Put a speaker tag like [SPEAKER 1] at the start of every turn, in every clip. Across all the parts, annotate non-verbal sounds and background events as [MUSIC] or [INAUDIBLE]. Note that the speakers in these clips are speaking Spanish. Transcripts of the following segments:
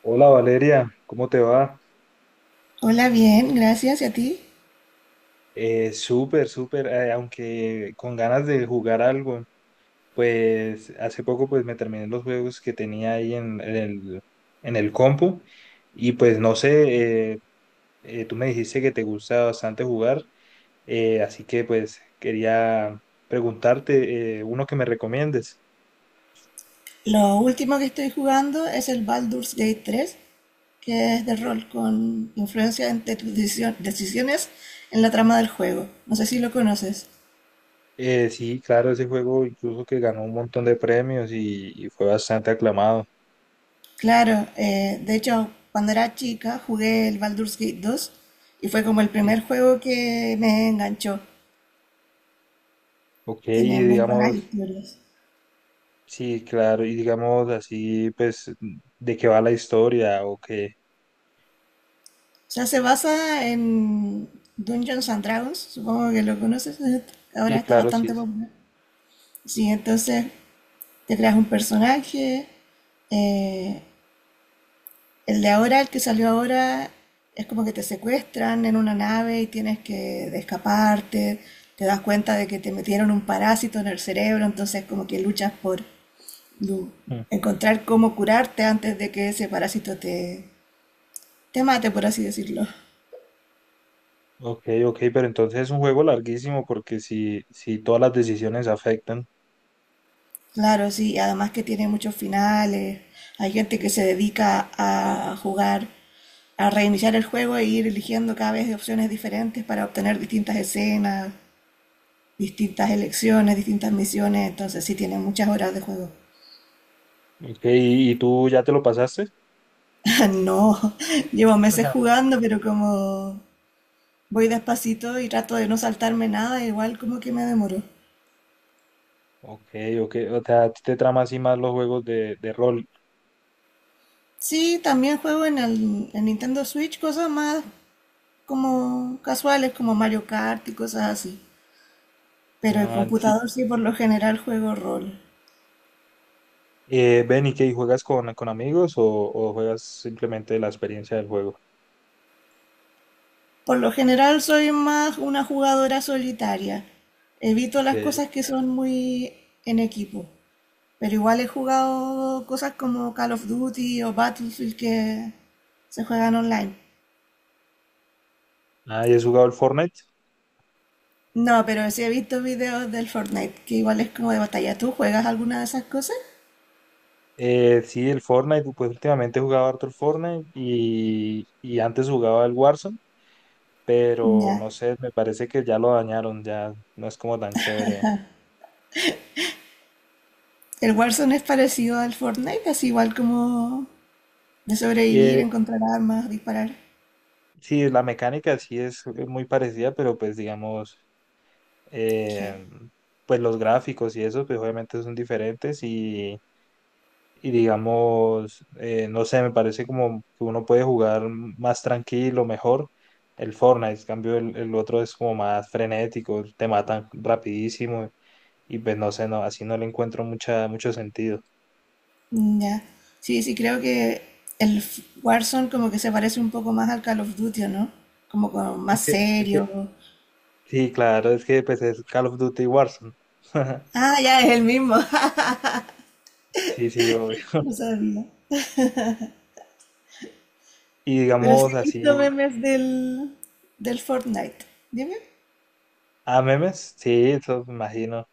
[SPEAKER 1] Hola Valeria, ¿cómo te va?
[SPEAKER 2] Hola, bien, gracias. ¿Y a ti?
[SPEAKER 1] Súper, aunque con ganas de jugar algo, pues hace poco pues me terminé los juegos que tenía ahí en el compu y pues no sé, tú me dijiste que te gusta bastante jugar, así que pues quería preguntarte uno que me recomiendes.
[SPEAKER 2] Lo último que estoy jugando es el Baldur's Gate 3, que es de rol con influencia de tus decisiones en la trama del juego. No sé si lo conoces.
[SPEAKER 1] Sí, claro, ese juego incluso que ganó un montón de premios y fue bastante aclamado.
[SPEAKER 2] Claro, de hecho, cuando era chica jugué el Baldur's Gate 2 y fue como el
[SPEAKER 1] Sí.
[SPEAKER 2] primer juego que me enganchó.
[SPEAKER 1] Ok, y
[SPEAKER 2] Tiene muy buenas
[SPEAKER 1] digamos...
[SPEAKER 2] historias.
[SPEAKER 1] Sí, claro, y digamos así, pues, de qué va la historia o qué.
[SPEAKER 2] O sea, se basa en Dungeons and Dragons, supongo que lo conoces, [LAUGHS]
[SPEAKER 1] Sí,
[SPEAKER 2] ahora está
[SPEAKER 1] claro, sí.
[SPEAKER 2] bastante popular. Sí, entonces te creas un personaje. eh, el de ahora, el que salió ahora, es como que te secuestran en una nave y tienes que de escaparte. Te das cuenta de que te metieron un parásito en el cerebro, entonces como que luchas por du-
[SPEAKER 1] Mm.
[SPEAKER 2] encontrar cómo curarte antes de que ese parásito te mate, por así decirlo.
[SPEAKER 1] Ok, ok, pero entonces es un juego larguísimo porque si todas las decisiones afectan.
[SPEAKER 2] Claro, sí, y además que tiene muchos finales. Hay gente que se dedica a jugar a reiniciar el juego e ir eligiendo cada vez opciones diferentes para obtener distintas escenas, distintas elecciones, distintas misiones. Entonces sí tiene muchas horas de juego.
[SPEAKER 1] Ok, ¿y tú ya te lo pasaste?
[SPEAKER 2] [LAUGHS] No, llevo meses
[SPEAKER 1] Ajá.
[SPEAKER 2] jugando, pero como voy despacito y trato de no saltarme nada, igual como que me demoro.
[SPEAKER 1] Ok, ok, o sea, a ti te trama así más los juegos de rol.
[SPEAKER 2] Sí, también juego en Nintendo Switch cosas más como casuales, como Mario Kart y cosas así. Pero el
[SPEAKER 1] Ah, sí.
[SPEAKER 2] computador sí por lo general juego rol.
[SPEAKER 1] Ven, ¿y qué? ¿Juegas con amigos o juegas simplemente la experiencia del juego?
[SPEAKER 2] Por lo general soy más una jugadora solitaria. Evito
[SPEAKER 1] Ok.
[SPEAKER 2] las cosas que son muy en equipo. Pero igual he jugado cosas como Call of Duty o Battlefield que se juegan online.
[SPEAKER 1] Ah, ¿y has jugado el Fortnite?
[SPEAKER 2] No, pero sí he visto videos del Fortnite, que igual es como de batalla. ¿Tú juegas alguna de esas cosas?
[SPEAKER 1] Sí, el Fortnite, pues últimamente he jugado harto el Fortnite y antes jugaba el Warzone, pero
[SPEAKER 2] Ya.
[SPEAKER 1] no sé, me parece que ya lo dañaron, ya no es como tan chévere.
[SPEAKER 2] El Warzone es parecido al Fortnite, así igual como de sobrevivir,
[SPEAKER 1] Eh,
[SPEAKER 2] encontrar armas, disparar.
[SPEAKER 1] sí, la mecánica sí es muy parecida, pero pues digamos,
[SPEAKER 2] Ya.
[SPEAKER 1] eh, pues los gráficos y eso, pues obviamente son diferentes y digamos, no sé, me parece como que uno puede jugar más tranquilo, mejor el Fortnite, en cambio el otro es como más frenético, te matan rapidísimo y pues no sé, no, así no le encuentro mucho sentido.
[SPEAKER 2] Mm, ya. Sí, sí, creo que el Warzone como que se parece un poco más al Call of Duty, ¿o no? Como con
[SPEAKER 1] Es
[SPEAKER 2] más
[SPEAKER 1] que, es que,
[SPEAKER 2] serio.
[SPEAKER 1] sí, claro, es que pues es Call of Duty Warzone. [LAUGHS]
[SPEAKER 2] Ah, ya es el mismo. [LAUGHS]
[SPEAKER 1] Sí, sí, obvio.
[SPEAKER 2] No sabía.
[SPEAKER 1] Y
[SPEAKER 2] Pero sí
[SPEAKER 1] digamos
[SPEAKER 2] he visto
[SPEAKER 1] así,
[SPEAKER 2] memes del Fortnite. Dime.
[SPEAKER 1] a memes, sí, eso me imagino.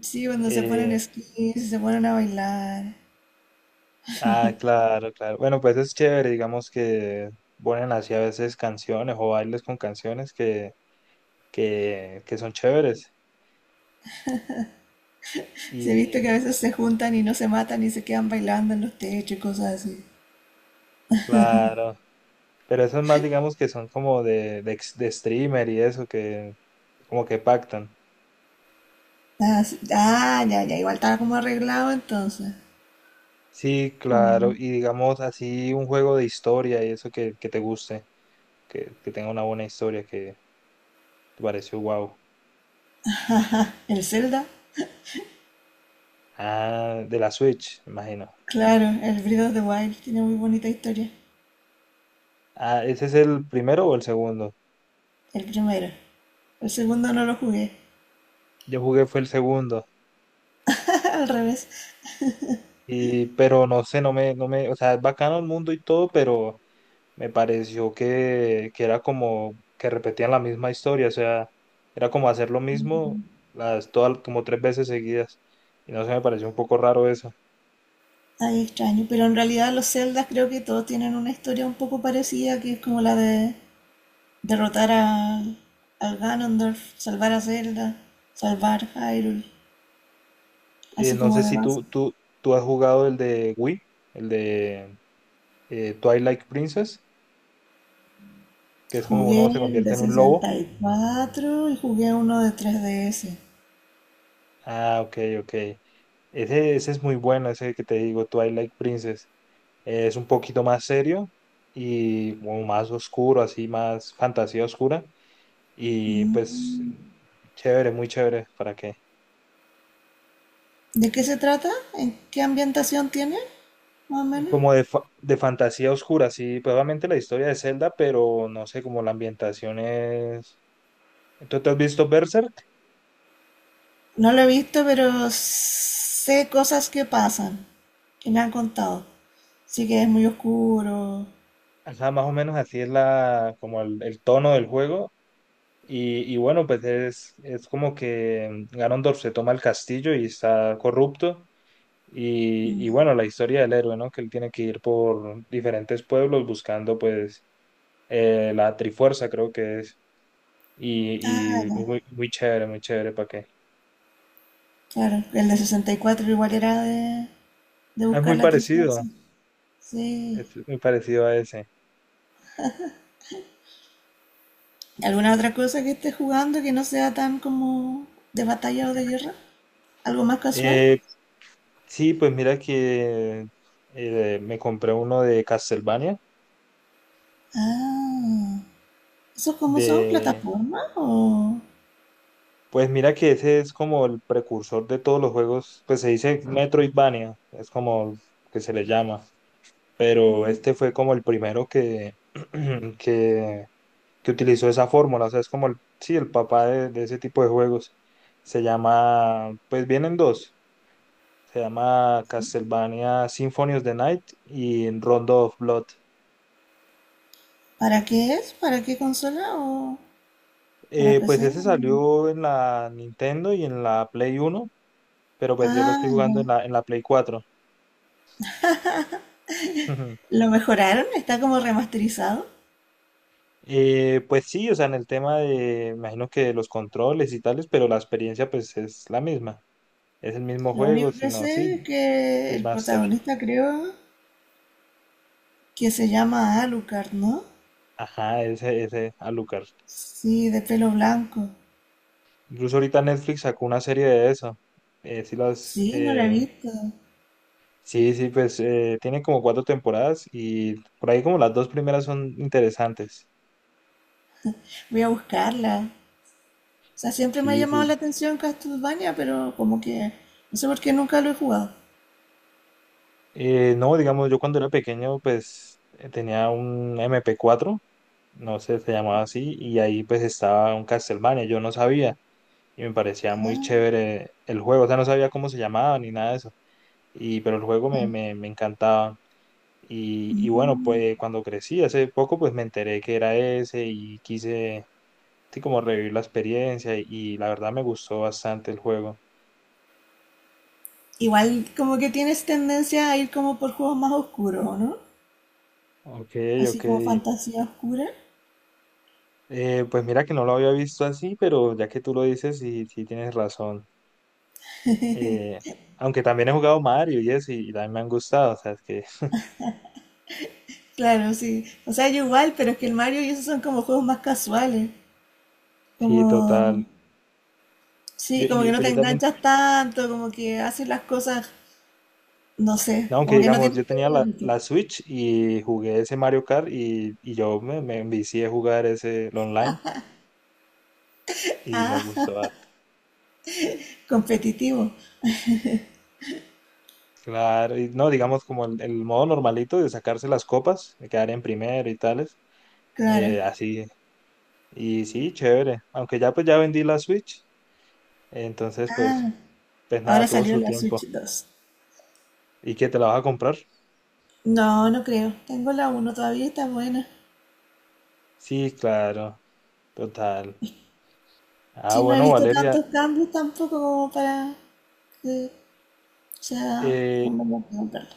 [SPEAKER 2] Sí, cuando se ponen
[SPEAKER 1] Eh,
[SPEAKER 2] skins, se ponen a bailar.
[SPEAKER 1] Ah, claro, claro. Bueno, pues es chévere, digamos que ponen así a veces canciones o bailes con canciones que son chéveres.
[SPEAKER 2] Sí, he visto que a
[SPEAKER 1] Y
[SPEAKER 2] veces se juntan y no se matan y se quedan bailando en los techos y cosas así.
[SPEAKER 1] claro, pero eso es más, digamos que son como de streamer y eso, que como que pactan.
[SPEAKER 2] Ah, sí. Ah, ya, ya. Igual estaba como arreglado entonces.
[SPEAKER 1] Sí, claro,
[SPEAKER 2] Mm.
[SPEAKER 1] y digamos así un juego de historia y eso que te guste, que tenga una buena historia que te pareció wow.
[SPEAKER 2] El Zelda.
[SPEAKER 1] Ah, de la Switch, me imagino.
[SPEAKER 2] Claro, el Breath of the Wild tiene muy bonita historia.
[SPEAKER 1] Ah, ¿ese es el primero o el segundo?
[SPEAKER 2] El primero. El segundo no lo jugué.
[SPEAKER 1] Yo jugué fue el segundo.
[SPEAKER 2] [LAUGHS] Al revés.
[SPEAKER 1] Y, pero no sé, no me, no me, o sea, es bacano el mundo y todo, pero me pareció que era como que repetían la misma historia, o sea, era como hacer lo mismo las, todas, como tres veces seguidas. Y no sé, me pareció un poco raro eso.
[SPEAKER 2] Ay, extraño. Pero en realidad los Zeldas creo que todos tienen una historia un poco parecida, que es como la de derrotar al Ganondorf, salvar a Zelda, salvar Hyrule, así
[SPEAKER 1] No
[SPEAKER 2] como
[SPEAKER 1] sé
[SPEAKER 2] de
[SPEAKER 1] si
[SPEAKER 2] base.
[SPEAKER 1] tú has jugado el de Wii, el de Twilight Princess, que es como uno se
[SPEAKER 2] Jugué el de
[SPEAKER 1] convierte en un lobo.
[SPEAKER 2] 64 y cuatro y jugué uno de 3DS.
[SPEAKER 1] Ah, ok, ok. Ese es muy bueno, ese que te digo, Twilight Princess. Es un poquito más serio y como más oscuro, así más fantasía oscura. Y pues
[SPEAKER 2] Mm.
[SPEAKER 1] chévere, muy chévere, ¿para qué?
[SPEAKER 2] ¿De qué se trata? ¿En qué ambientación tiene? Más o menos.
[SPEAKER 1] Como de, de fantasía oscura, sí, probablemente la historia de Zelda, pero no sé, como la ambientación es... ¿Tú te has visto Berserk?
[SPEAKER 2] No lo he visto, pero sé cosas que pasan, que me han contado. Sí que es muy oscuro.
[SPEAKER 1] Ajá, más o menos así es la, como el tono del juego. Y bueno, pues es como que Ganondorf se toma el castillo y está corrupto. Y bueno, la historia del héroe, ¿no? Que él tiene que ir por diferentes pueblos buscando, pues, la Trifuerza, creo que es.
[SPEAKER 2] Ah,
[SPEAKER 1] Y, y
[SPEAKER 2] ya,
[SPEAKER 1] muy, muy chévere, muy chévere, ¿para qué?
[SPEAKER 2] claro. El de 64 igual era de
[SPEAKER 1] Ah, es
[SPEAKER 2] buscar
[SPEAKER 1] muy
[SPEAKER 2] la
[SPEAKER 1] parecido,
[SPEAKER 2] trifase. Sí.
[SPEAKER 1] es muy parecido a ese.
[SPEAKER 2] ¿Alguna otra cosa que esté jugando que no sea tan como de batalla o de guerra? ¿Algo más casual?
[SPEAKER 1] Eh, sí, pues mira que me compré uno de Castlevania,
[SPEAKER 2] Ah, ¿esos cómo son?
[SPEAKER 1] de...
[SPEAKER 2] ¿Plataforma? ¿O
[SPEAKER 1] Pues mira que ese es como el precursor de todos los juegos, pues se dice Metroidvania, es como que se le llama. Pero este fue como el primero que, [CLEARS THROAT] que, que utilizó esa fórmula, o sea, es como el, sí, el papá de ese tipo de juegos. Se llama, pues vienen dos, se llama Castlevania Symphony of the Night y Rondo of Blood.
[SPEAKER 2] para qué es? ¿Para qué consola? ¿O para
[SPEAKER 1] Pues
[SPEAKER 2] PC?
[SPEAKER 1] ese salió en la Nintendo y en la Play Uno pero pues yo lo estoy
[SPEAKER 2] Ah, ya.
[SPEAKER 1] jugando en la Play 4. [LAUGHS]
[SPEAKER 2] Lo mejoraron, está como remasterizado.
[SPEAKER 1] Pues sí, o sea, en el tema de, me imagino que los controles y tales, pero la experiencia pues es la misma. Es el mismo
[SPEAKER 2] Lo
[SPEAKER 1] juego,
[SPEAKER 2] único que
[SPEAKER 1] sino sí,
[SPEAKER 2] sé es que el
[SPEAKER 1] remaster.
[SPEAKER 2] protagonista creo que se llama Alucard, ¿no?
[SPEAKER 1] Ajá, ese Alucard.
[SPEAKER 2] Sí, de pelo blanco.
[SPEAKER 1] Incluso ahorita Netflix sacó una serie de eso. Sí, las,
[SPEAKER 2] Sí, no la he
[SPEAKER 1] eh,
[SPEAKER 2] visto.
[SPEAKER 1] sí, sí, pues tiene como cuatro temporadas y por ahí como las dos primeras son interesantes.
[SPEAKER 2] Voy a buscarla. O sea, siempre me ha
[SPEAKER 1] Sí,
[SPEAKER 2] llamado
[SPEAKER 1] sí.
[SPEAKER 2] la atención Castlevania, pero como que no sé por qué nunca lo he jugado.
[SPEAKER 1] No, digamos, yo cuando era pequeño, pues tenía un MP4, no sé, se llamaba así, y ahí pues estaba un Castlevania, yo no sabía, y me parecía muy chévere el juego, o sea, no sabía cómo se llamaba ni nada de eso. Y, pero el juego me encantaba. Y bueno,
[SPEAKER 2] Mm.
[SPEAKER 1] pues cuando crecí hace poco, pues me enteré que era ese y quise sí, como revivir la experiencia y la verdad me gustó bastante el juego.
[SPEAKER 2] Igual como que tienes tendencia a ir como por juegos más oscuros, ¿o no?
[SPEAKER 1] Ok,
[SPEAKER 2] Así
[SPEAKER 1] ok.
[SPEAKER 2] como fantasía oscura.
[SPEAKER 1] Pues mira que no lo había visto así, pero ya que tú lo dices, sí, sí tienes razón. Eh, aunque también he jugado Mario y eso, y, también me han gustado, o sea, es que [LAUGHS]
[SPEAKER 2] Claro, sí. O sea, yo igual, pero es que el Mario y esos son como juegos más casuales.
[SPEAKER 1] sí,
[SPEAKER 2] Como,
[SPEAKER 1] total.
[SPEAKER 2] sí, como que no
[SPEAKER 1] Pues
[SPEAKER 2] te
[SPEAKER 1] yo también
[SPEAKER 2] enganchas tanto, como que haces las cosas, no sé,
[SPEAKER 1] no, aunque
[SPEAKER 2] como que no
[SPEAKER 1] digamos,
[SPEAKER 2] tienes
[SPEAKER 1] yo
[SPEAKER 2] que
[SPEAKER 1] tenía
[SPEAKER 2] ser
[SPEAKER 1] la,
[SPEAKER 2] mucho
[SPEAKER 1] la Switch y jugué ese Mario Kart y me envicié a jugar ese el online y me gustó harto.
[SPEAKER 2] competitivo.
[SPEAKER 1] Claro, y no, digamos como el modo normalito de sacarse las copas, de quedar en primero y tales,
[SPEAKER 2] Claro.
[SPEAKER 1] así. Y sí, chévere. Aunque ya pues ya vendí la Switch, entonces pues,
[SPEAKER 2] Ah,
[SPEAKER 1] pues nada,
[SPEAKER 2] ahora
[SPEAKER 1] tuvo
[SPEAKER 2] salió
[SPEAKER 1] su
[SPEAKER 2] la
[SPEAKER 1] tiempo.
[SPEAKER 2] Switch 2.
[SPEAKER 1] ¿Y qué te la vas a comprar?
[SPEAKER 2] No, no creo. Tengo la uno todavía, y está buena.
[SPEAKER 1] Sí, claro, total. Ah,
[SPEAKER 2] Sí, no he
[SPEAKER 1] bueno,
[SPEAKER 2] visto
[SPEAKER 1] Valeria,
[SPEAKER 2] tantos cambios tampoco como para que sea
[SPEAKER 1] eh,
[SPEAKER 2] como para comprarla.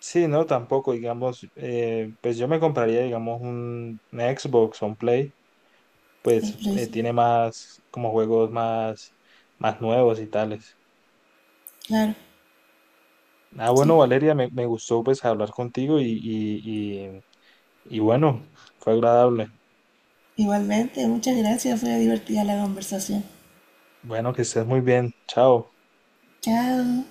[SPEAKER 1] sí, no, tampoco, digamos, pues yo me compraría, digamos, una Xbox o un Play,
[SPEAKER 2] El
[SPEAKER 1] pues
[SPEAKER 2] precio.
[SPEAKER 1] tiene más, como juegos más, más nuevos y tales.
[SPEAKER 2] Claro,
[SPEAKER 1] Ah, bueno,
[SPEAKER 2] sí.
[SPEAKER 1] Valeria, me gustó pues hablar contigo y bueno, fue agradable.
[SPEAKER 2] Igualmente, muchas gracias. Fue divertida la conversación.
[SPEAKER 1] Bueno, que estés muy bien, chao.
[SPEAKER 2] Chao.